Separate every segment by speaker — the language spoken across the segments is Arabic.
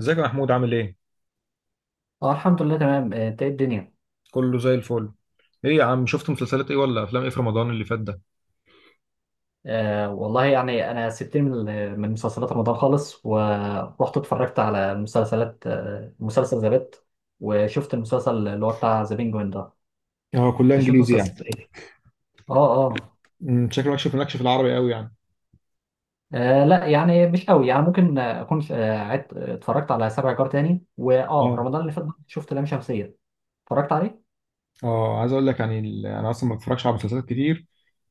Speaker 1: ازيك يا محمود عامل ايه؟
Speaker 2: اه، الحمد لله تمام، انت ايه الدنيا؟
Speaker 1: كله زي الفل. ايه يا عم شفت مسلسلات ايه ولا افلام ايه في رمضان اللي فات ده؟
Speaker 2: والله يعني انا سبتني من من مسلسلات رمضان خالص ورحت اتفرجت على مسلسلات مسلسل ذا بيت، وشفت المسلسل اللي هو بتاع ذا بينجوين ده.
Speaker 1: اه كلها
Speaker 2: انت شفت
Speaker 1: انجليزي يعني.
Speaker 2: مسلسل ايه؟ اه اه.
Speaker 1: شكلك مالكش في مالكش في العربي قوي يعني.
Speaker 2: لا يعني مش قوي، يعني ممكن اكون عدت اتفرجت على سبع جار تاني، واه
Speaker 1: اه
Speaker 2: رمضان اللي فات شفت لام شمسية. اتفرجت عليه.
Speaker 1: اه عايز اقول لك يعني انا اصلا ما بتفرجش على مسلسلات كتير،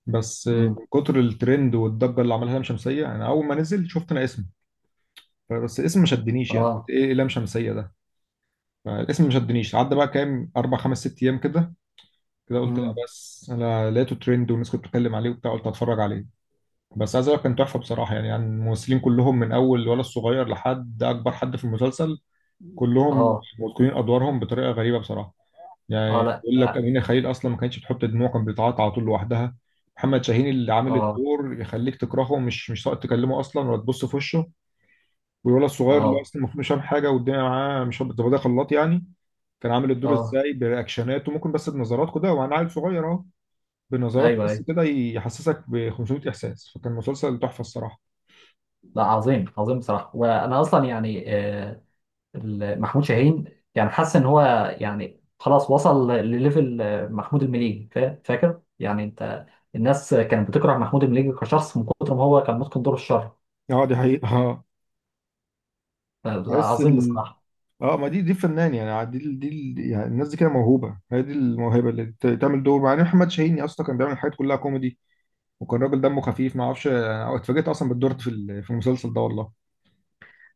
Speaker 1: بس
Speaker 2: امم.
Speaker 1: من كتر الترند والضجه اللي عملها لام شمسيه انا اول ما نزل شفت انا اسمه. بس الاسم ما شدنيش يعني، قلت
Speaker 2: اه.
Speaker 1: ايه لام شمسيه ده. فالاسم ما شدنيش، عدى بقى كام اربع خمس ست ايام كده. كده قلت لا،
Speaker 2: امم.
Speaker 1: بس انا لقيته ترند والناس كانت بتتكلم عليه وبتاع، قلت هتفرج عليه. بس عايز اقول لك كان تحفه بصراحه، يعني الممثلين كلهم من اول الولد الصغير لحد اكبر حد في المسلسل كلهم
Speaker 2: اه
Speaker 1: متقنين ادوارهم بطريقه غريبه بصراحه. يعني
Speaker 2: اه. لا
Speaker 1: اقول لك
Speaker 2: اه
Speaker 1: امينه خليل اصلا ما كانتش بتحط دموع، كانت بتعيط على طول لوحدها. محمد شاهين اللي عامل
Speaker 2: اه
Speaker 1: الدور يخليك تكرهه، مش ساقط تكلمه اصلا ولا تبص في وشه. والولد الصغير اللي
Speaker 2: اه.
Speaker 1: اصلا المفروض مش فاهم حاجه والدنيا معاه، مش هبط ده خلاط يعني. كان عامل الدور
Speaker 2: آه.
Speaker 1: ازاي برياكشناته، ممكن بس بنظراته كده وانا عيل صغير اهو. بنظراته
Speaker 2: ايوه
Speaker 1: بس
Speaker 2: ايوه.
Speaker 1: كده يحسسك ب 500 احساس، فكان مسلسل تحفه الصراحه.
Speaker 2: لا، عظيم عظيم بصراحة، وأنا أصلا يعني، محمود شاهين، يعني حاسس إن هو يعني خلاص وصل لليفل، محمود المليجي، فاكر يعني أنت؟ الناس كانت بتكره محمود المليجي كشخص من كتر ما هو كان متقن دور الشر.
Speaker 1: اه دي حقيقة اه.
Speaker 2: لا،
Speaker 1: بحس
Speaker 2: عظيم
Speaker 1: ال
Speaker 2: بصراحة.
Speaker 1: اه، ما دي فنان يعني، يعني الناس دي كده موهوبة، هي دي الموهبة اللي تعمل دور. مع ان محمد شاهيني اصلا كان بيعمل الحاجات كلها كوميدي، وكان راجل دمه خفيف، ما اعرفش. أنا اتفاجئت اصلا بالدور في في المسلسل ده والله.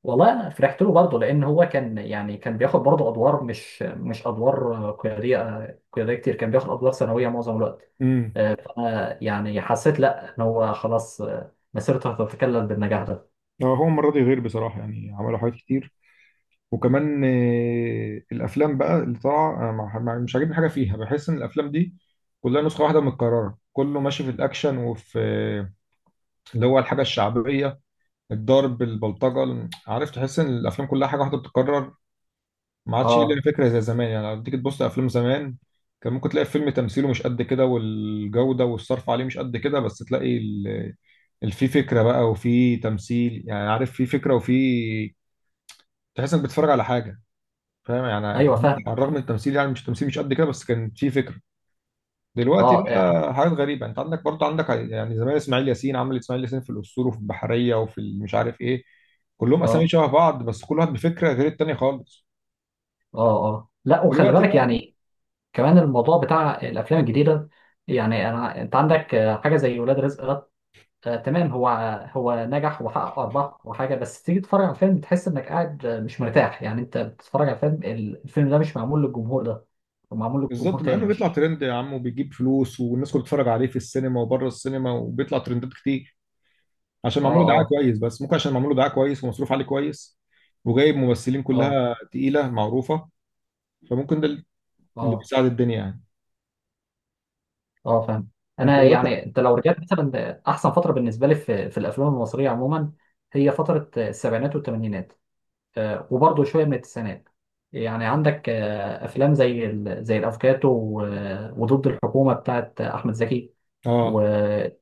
Speaker 2: والله أنا فرحت له برضه، لأن هو كان يعني كان بياخد برضه أدوار، مش أدوار قيادية، قيادية كتير، كان بياخد أدوار ثانوية معظم الوقت.
Speaker 1: امم.
Speaker 2: فأنا يعني حسيت لا، إن هو خلاص مسيرته هتتكلل بالنجاح ده.
Speaker 1: اه، هو المرة دي غير بصراحة يعني، عملوا حاجات كتير. وكمان الافلام بقى اللي طالعة أنا مش عاجبني حاجة فيها، بحس ان الافلام دي كلها نسخة واحدة متكررة، كله ماشي في الاكشن وفي اللي هو الحاجة الشعبية، الضرب البلطجه عارف، تحس ان الافلام كلها حاجه واحده بتتكرر. ما عادش لنا
Speaker 2: اه
Speaker 1: فكره زي زمان، يعني لو تيجي تبص لافلام زمان كان ممكن تلاقي الفيلم تمثيله مش قد كده والجوده والصرف عليه مش قد كده، بس تلاقي في فكره بقى وفي تمثيل، يعني عارف في فكره وفي، تحس انك بتتفرج على حاجه، فاهم يعني أنت.
Speaker 2: ايوه فاهمك.
Speaker 1: على الرغم من التمثيل يعني مش تمثيل مش قد كده، بس كان في فكره. دلوقتي
Speaker 2: اه اه
Speaker 1: بقى حاجات غريبه. انت عندك يعني زمان اسماعيل ياسين عمل اسماعيل ياسين في الاسطول وفي البحريه وفي مش عارف ايه، كلهم اسامي
Speaker 2: اه
Speaker 1: شبه بعض بس كل واحد بفكره غير التاني خالص.
Speaker 2: اه. آه. لا، وخلي
Speaker 1: دلوقتي
Speaker 2: بالك
Speaker 1: بقى،
Speaker 2: يعني كمان الموضوع بتاع الافلام الجديده، يعني انا انت عندك حاجه زي ولاد رزق ده. آه تمام، هو هو نجح وحقق ارباح وحاجه، بس تيجي تتفرج على الفيلم تحس انك قاعد مش مرتاح، يعني انت بتتفرج على فيلم، الفيلم ده مش معمول للجمهور ده، هو معمول لجمهور
Speaker 1: بالظبط مع
Speaker 2: تاني
Speaker 1: انه بيطلع
Speaker 2: مش.
Speaker 1: ترند يا عم وبيجيب فلوس والناس كلها بتتفرج عليه في السينما وبره السينما وبيطلع ترندات كتير عشان
Speaker 2: اه
Speaker 1: معمول دعايه
Speaker 2: اه
Speaker 1: كويس. بس ممكن عشان معمول دعايه كويس ومصروف عليه كويس وجايب ممثلين
Speaker 2: اه
Speaker 1: كلها تقيله معروفه، فممكن ده اللي
Speaker 2: اه
Speaker 1: بيساعد الدنيا يعني.
Speaker 2: اه فاهم.
Speaker 1: انت
Speaker 2: انا يعني
Speaker 1: جربت؟
Speaker 2: انت لو رجعت مثلا احسن فتره بالنسبه لي في الافلام المصريه عموما، هي فتره السبعينات والثمانينات، وبرضه شويه من التسعينات. يعني عندك افلام زي زي الافوكاتو وضد الحكومه بتاعت احمد زكي،
Speaker 1: اه
Speaker 2: ويعني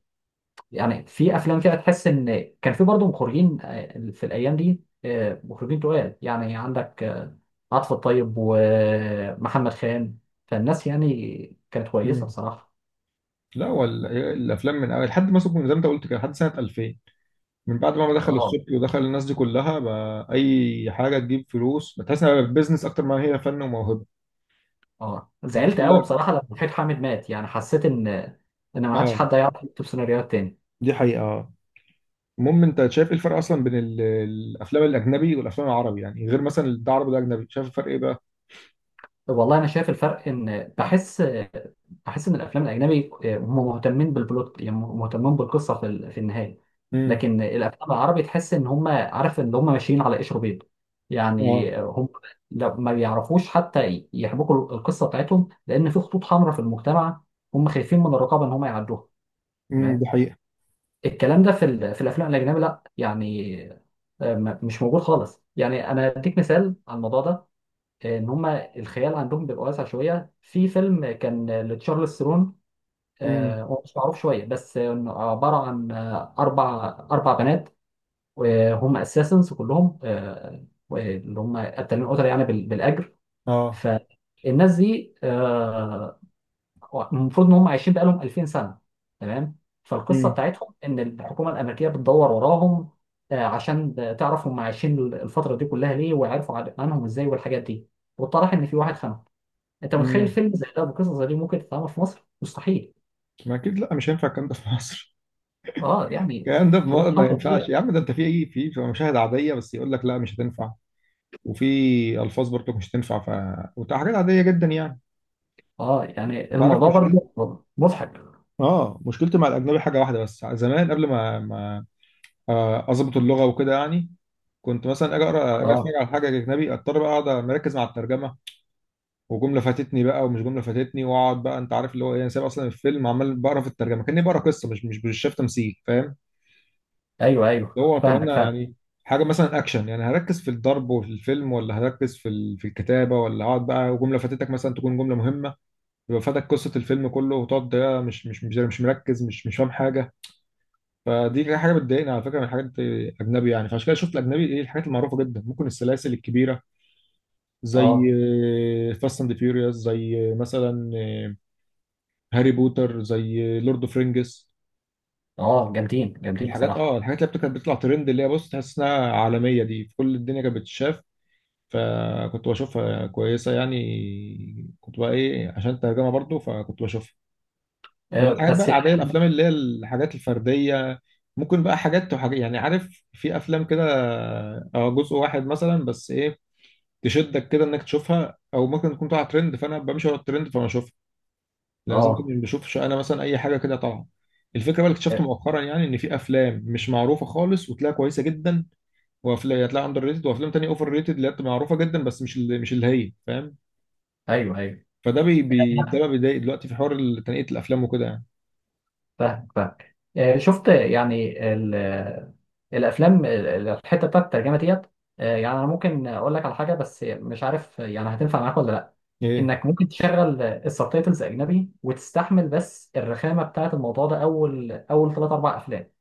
Speaker 2: في افلام كده تحس ان كان في برضه مخرجين في الايام دي مخرجين تقال، يعني عندك عاطف الطيب ومحمد خان. فالناس يعني كانت كويسه بصراحه.
Speaker 1: لا، هو الافلام من أول لحد ما سبكم زي ما انت قلت كده لحد سنه 2000. من بعد ما دخل
Speaker 2: اه
Speaker 1: السبكي ودخل الناس دي كلها، بقى اي حاجه تجيب فلوس، بتحس انها بيزنس اكتر ما هي فن وموهبه.
Speaker 2: اه.
Speaker 1: الناس
Speaker 2: زعلت قوي
Speaker 1: كلها.
Speaker 2: بصراحه لما وحيد حامد مات، يعني حسيت ان، ان ما عادش
Speaker 1: اه
Speaker 2: حد هيعرف يكتب سيناريوهات تاني.
Speaker 1: دي حقيقه اه. المهم انت شايف ايه الفرق اصلا بين الافلام الاجنبي والافلام العربي، يعني غير مثلا ده عربي وده اجنبي، شايف الفرق ايه بقى؟
Speaker 2: والله انا شايف الفرق، ان بحس ان الافلام الاجنبي هم مهتمين بالبلوت، يعني مهتمين بالقصه في في النهايه.
Speaker 1: امم،
Speaker 2: لكن الافلام العربي تحس ان هم عارف ان هم ماشيين على قشر بيض،
Speaker 1: اه،
Speaker 2: يعني هم لو ما بيعرفوش حتى يحبكوا القصه بتاعتهم، لان في خطوط حمراء في المجتمع، هم خايفين من الرقابه ان هم يعدوها.
Speaker 1: امم، دي
Speaker 2: تمام.
Speaker 1: حقيقه،
Speaker 2: الكلام ده في في الافلام الاجنبي لا يعني مش موجود خالص. يعني انا اديك مثال على الموضوع ده، ان هم الخيال عندهم بيبقى واسع شويه. في فيلم كان لتشارلز ثرون،
Speaker 1: امم،
Speaker 2: هو مش معروف شويه، بس إنه عباره عن اربع بنات، وهم اساسنز كلهم اللي هم قتالين قتله يعني بالاجر.
Speaker 1: اه،
Speaker 2: فالناس دي المفروض ان هم عايشين بقالهم 2000 سنه، تمام، فالقصه
Speaker 1: امم،
Speaker 2: بتاعتهم ان الحكومه الامريكيه بتدور وراهم عشان تعرف هم عايشين الفتره دي كلها ليه، وعرفوا عنهم ازاي والحاجات دي، واتضح ان في واحد خانهم. انت متخيل
Speaker 1: امم.
Speaker 2: فيلم زي ده بقصه زي دي ممكن تتعمل في مصر؟ مستحيل.
Speaker 1: ما اكيد لا مش هينفع الكلام ده في مصر.
Speaker 2: اه يعني،
Speaker 1: الكلام ده في مصر
Speaker 2: خطوط
Speaker 1: ما
Speaker 2: حمراء
Speaker 1: ينفعش
Speaker 2: كبيره.
Speaker 1: يا عم، ده انت في ايه، في مشاهد عاديه بس يقول لك لا مش هتنفع. وفي الفاظ برضك مش تنفع وبتبقى حاجات عاديه جدا يعني.
Speaker 2: اه يعني
Speaker 1: انت عارف
Speaker 2: الموضوع
Speaker 1: مشكلتي؟
Speaker 2: برضه مضحك.
Speaker 1: اه، مشكلتي مع الاجنبي حاجه واحده بس، زمان قبل ما اظبط اللغه وكده يعني، كنت مثلا اجي اقرا، اجي اتفرج
Speaker 2: اه
Speaker 1: على حاجه اجنبي، اضطر بقى اقعد مركز مع الترجمه، وجمله فاتتني بقى ومش جمله فاتتني، واقعد بقى انت عارف اللي هو ايه، انا سايب اصلا الفيلم عمال بقرا في الترجمه كاني بقرا قصه، مش شايف تمثيل فاهم.
Speaker 2: ايوه ايوه
Speaker 1: اللي هو طب
Speaker 2: فاهمك
Speaker 1: انا
Speaker 2: فاهم.
Speaker 1: يعني حاجه مثلا اكشن يعني، هركز في الضرب وفي الفيلم ولا هركز في في الكتابه، ولا اقعد بقى وجمله فاتتك مثلا تكون جمله مهمه، يبقى فاتك قصة الفيلم كله، وتقعد ده مش مركز مش فاهم حاجة. فدي كده حاجة بتضايقني على فكرة من الحاجات الأجنبي يعني. فعشان كده شفت الأجنبي إيه الحاجات المعروفة جدا، ممكن السلاسل الكبيرة زي
Speaker 2: اه
Speaker 1: فاست أند فيوريوس، زي مثلا هاري بوتر، زي لورد أوف رينجز.
Speaker 2: اه جامدين جامدين
Speaker 1: الحاجات، اه،
Speaker 2: بصراحه.
Speaker 1: الحاجات اللي كانت بتطلع ترند، اللي هي بص تحس انها عالمية، دي في كل الدنيا كانت بتتشاف. فكنت بشوفها كويسة يعني، كنت بقى ايه عشان الترجمة برضو، فكنت بشوفها. انما
Speaker 2: آه
Speaker 1: الحاجات بقى
Speaker 2: بس
Speaker 1: العاديه
Speaker 2: يعني.
Speaker 1: الافلام اللي هي الحاجات الفرديه، ممكن بقى حاجات وحاجات يعني عارف، في افلام كده اه جزء واحد مثلا بس ايه، تشدك كده انك تشوفها، او ممكن تكون طالعه ترند فانا بمشي ورا الترند فانا اشوفها. لازم كنت
Speaker 2: اه
Speaker 1: مش بشوفش انا مثلا اي حاجه كده طالعه. الفكره بقى اللي
Speaker 2: آه.
Speaker 1: اكتشفت مؤخرا يعني ان في افلام مش معروفه خالص وتلاقيها كويسه جدا، وافلام هتلاقيها اندر ريتد، وافلام تانيه اوفر ريتد اللي هي بتبقى معروفه جدا، بس مش اللي هي، فاهم.
Speaker 2: ايوه ايوه.
Speaker 1: فده بي بي ده
Speaker 2: أنا
Speaker 1: بقى بيضايق دلوقتي، في حوار تنقيه الافلام وكده يعني.
Speaker 2: فاهمك فاهمك، شفت يعني الافلام الحته بتاعت الترجمه ديت. يعني انا ممكن اقول لك على حاجه، بس مش عارف يعني هتنفع معاك ولا لا،
Speaker 1: ايه؟
Speaker 2: انك ممكن تشغل السبتايتلز اجنبي وتستحمل، بس الرخامه بتاعت الموضوع ده اول اول ثلاث اربع افلام،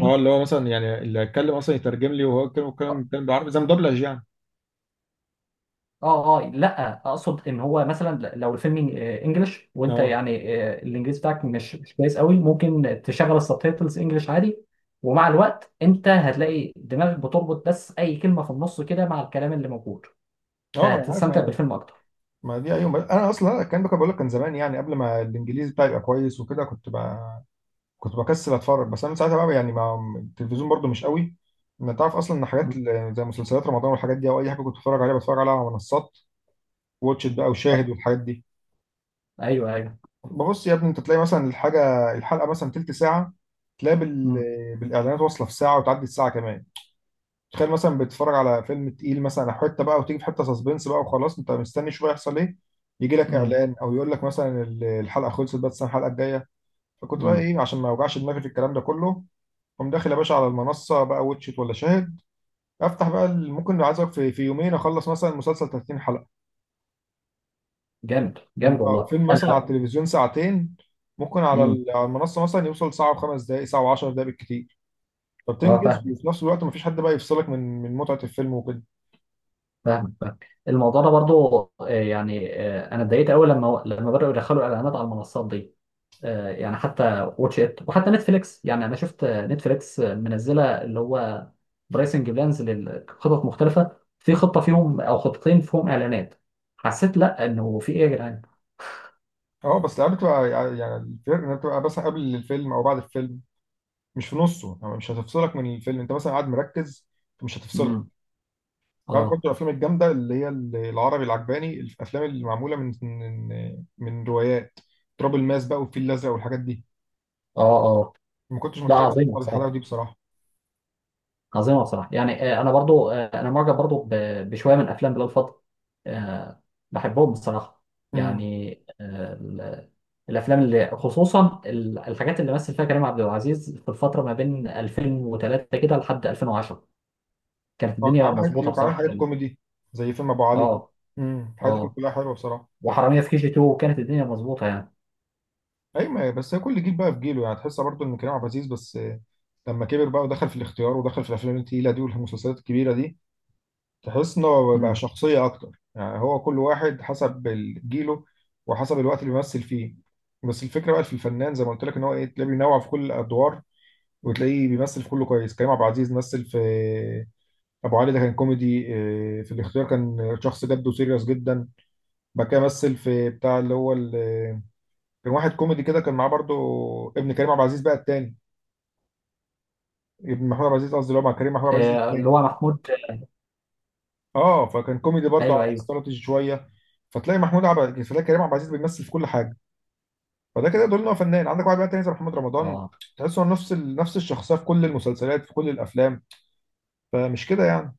Speaker 1: اه، اللي هو مثلا يعني اللي هيتكلم اصلا يترجم لي وهو يتكلم الكلام،
Speaker 2: اه
Speaker 1: الكلام بالعربي زي مدبلج يعني.
Speaker 2: اه. لا اقصد ان هو مثلا لو الفيلم انجلش، وانت
Speaker 1: اه
Speaker 2: يعني الانجليزي بتاعك مش كويس قوي، ممكن تشغل السبتايتلز انجلش عادي، ومع الوقت انت هتلاقي دماغك بتربط بس اي كلمه في النص كده مع الكلام اللي موجود،
Speaker 1: اه ما انا عارف
Speaker 2: فهتستمتع
Speaker 1: انا.
Speaker 2: بالفيلم اكتر.
Speaker 1: ما دي ايوه انا اصلا الكلام ده كنت بقول لك كان زمان يعني، قبل ما الانجليزي بتاعي يبقى كويس وكده، كنت بقى كنت بكسل اتفرج. بس انا من ساعتها بقى يعني، ما التلفزيون برضو مش قوي. ما تعرف اصلا ان حاجات
Speaker 2: مم.
Speaker 1: زي مسلسلات رمضان والحاجات دي او اي حاجه كنت بتفرج عليها، بتفرج عليها على منصات، واتش إت بقى
Speaker 2: آه،
Speaker 1: وشاهد والحاجات دي.
Speaker 2: ايوه ايوه.
Speaker 1: ببص يا ابني انت تلاقي مثلا الحاجه الحلقه مثلا تلت ساعه، تلاقي
Speaker 2: مم.
Speaker 1: بالاعلانات واصله في ساعه وتعدي الساعه كمان. تخيل مثلا بتتفرج على فيلم تقيل مثلا أو حته بقى، وتيجي في حته سسبنس بقى وخلاص انت مستني شويه يحصل ايه، يجي لك
Speaker 2: مم.
Speaker 1: اعلان او يقول لك مثلا الحلقه خلصت بس الحلقه الجايه. فكنت بقى
Speaker 2: مم.
Speaker 1: ايه عشان ما اوجعش دماغي في الكلام ده كله، قوم داخل يا باشا على المنصه بقى واتشيت ولا شاهد، افتح بقى ممكن عايز أقولك في يومين اخلص مثلا مسلسل 30 حلقه.
Speaker 2: جامد جامد والله
Speaker 1: فيلم مثلا على
Speaker 2: انا.
Speaker 1: التلفزيون ساعتين، ممكن على
Speaker 2: مم.
Speaker 1: على المنصه مثلا يوصل ساعه وخمس دقائق ساعه وعشر دقائق بالكتير.
Speaker 2: اه
Speaker 1: فبتنجز،
Speaker 2: فاهم.
Speaker 1: وفي نفس الوقت مفيش حد بقى يفصلك من متعه الفيلم وكده.
Speaker 2: فاهمك فاهمك الموضوع ده برضو. يعني انا اتضايقت قوي لما بداوا يدخلوا اعلانات على المنصات دي. يعني حتى واتش ات وحتى نتفليكس، يعني انا شفت نتفليكس منزله اللي هو برايسنج بلانز، لخطط مختلفه في خطه فيهم او خطتين فيهم اعلانات. حسيت لا، انه في ايه يا جدعان؟
Speaker 1: اه، بس الألعاب بتبقى يعني الفرق انها بتبقى مثلا قبل الفيلم او بعد الفيلم مش في نصه، يعني مش هتفصلك من الفيلم، انت مثلا قاعد مركز مش
Speaker 2: امم.
Speaker 1: هتفصلك. تعرف برضه
Speaker 2: اه
Speaker 1: الافلام الجامده اللي هي العربي العجباني، الافلام اللي معموله من روايات، تراب الماس بقى والفيل الازرق والحاجات دي،
Speaker 2: اه اه.
Speaker 1: ما كنتش
Speaker 2: لا،
Speaker 1: متخيل إن
Speaker 2: عظيمه بصراحه،
Speaker 1: الحلاوه دي بصراحه.
Speaker 2: عظيمه بصراحه. يعني انا برضو انا معجب برضو بشويه من افلام بلال فضل آه، بحبهم بصراحه.
Speaker 1: امم،
Speaker 2: يعني آه، ال- الافلام اللي خصوصا الحاجات اللي مثل فيها كريم عبد العزيز في الفتره ما بين 2003 كده لحد 2010، كانت
Speaker 1: كان
Speaker 2: الدنيا
Speaker 1: عامل حاجات كتير
Speaker 2: مظبوطه
Speaker 1: وكان عامل
Speaker 2: بصراحه
Speaker 1: حاجات
Speaker 2: في ال-.
Speaker 1: كوميدي زي فيلم ابو علي.
Speaker 2: اه
Speaker 1: امم، الحاجات دي كانت
Speaker 2: اه.
Speaker 1: كلها حلوه بصراحه.
Speaker 2: وحراميه في كي جي 2 كانت الدنيا مظبوطه يعني.
Speaker 1: ايوه بس هي كل جيل بقى في جيله، يعني تحس برضه ان كريم عبد العزيز بس لما كبر بقى ودخل في الاختيار ودخل في الافلام التقيله دي والمسلسلات الكبيره دي، تحس ان هو بقى
Speaker 2: امم.
Speaker 1: شخصيه اكتر يعني، هو كل واحد حسب جيله وحسب الوقت اللي بيمثل فيه. بس الفكره بقى في الفنان زي ما قلت لك ان هو ايه، تلاقيه بينوع في كل الادوار وتلاقيه بيمثل في كله كويس. كريم عبد العزيز مثل في ابو علي، ده كان كوميدي، في الاختيار كان شخص جد وسيريس جدا. بعد كده مثل في بتاع اللي هو كان واحد كوميدي كده، كان معاه برضو ابن كريم عبد العزيز بقى التاني، ابن محمود عبد العزيز قصدي، اللي هو مع كريم، محمود عبد العزيز
Speaker 2: اللي
Speaker 1: التاني.
Speaker 2: هو محمود.
Speaker 1: اه، فكان كوميدي برضو
Speaker 2: ايوه
Speaker 1: على
Speaker 2: ايوه.
Speaker 1: استراتيجي شويه. فتلاقي كريم عبد العزيز بيمثل في كل حاجه، فده كده يدل ان هو فنان. عندك واحد بقى تاني زي محمد رمضان،
Speaker 2: اه
Speaker 1: تحس انه نفس نفس الشخصيه في كل المسلسلات في كل الافلام، فمش كده يعني.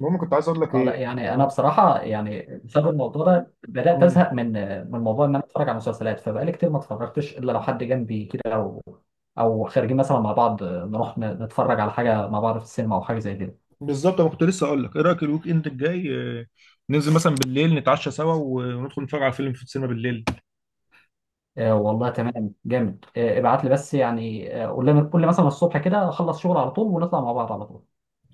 Speaker 1: المهم كنت عايز اقول لك
Speaker 2: اه. لا
Speaker 1: ايه
Speaker 2: يعني انا بصراحه، يعني بسبب الموضوع ده بدات
Speaker 1: مم.
Speaker 2: ازهق من موضوع ان انا اتفرج على مسلسلات، فبقالي كتير ما اتفرجتش الا لو حد جنبي كده، او خارجين مثلا مع بعض نروح نتفرج على حاجه مع بعض في السينما او حاجه زي كده.
Speaker 1: بالظبط، انا كنت لسه اقول لك، ايه رايك الويك اند الجاي آه، ننزل مثلا بالليل نتعشى سوا وندخل نتفرج على فيلم في السينما بالليل.
Speaker 2: آه والله تمام جامد، ابعت لي، بس يعني قول لي قول لي مثلا الصبح كده، اخلص شغل على طول ونطلع مع بعض على طول.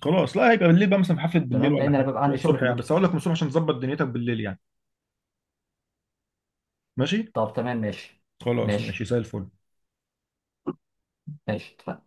Speaker 1: خلاص، لا هيبقى بالليل بقى، مثلا في حفلة بالليل
Speaker 2: تمام،
Speaker 1: ولا
Speaker 2: لان انا
Speaker 1: حاجة،
Speaker 2: بيبقى
Speaker 1: مش هيبقى
Speaker 2: عندي شغل
Speaker 1: الصبح
Speaker 2: في
Speaker 1: يعني،
Speaker 2: الويك
Speaker 1: بس
Speaker 2: اند.
Speaker 1: هقول لك من الصبح عشان تظبط دنيتك بالليل يعني. ماشي،
Speaker 2: طب تمام، ماشي.
Speaker 1: خلاص ماشي
Speaker 2: ماشي.
Speaker 1: زي الفل
Speaker 2: ماشي، اتفقنا.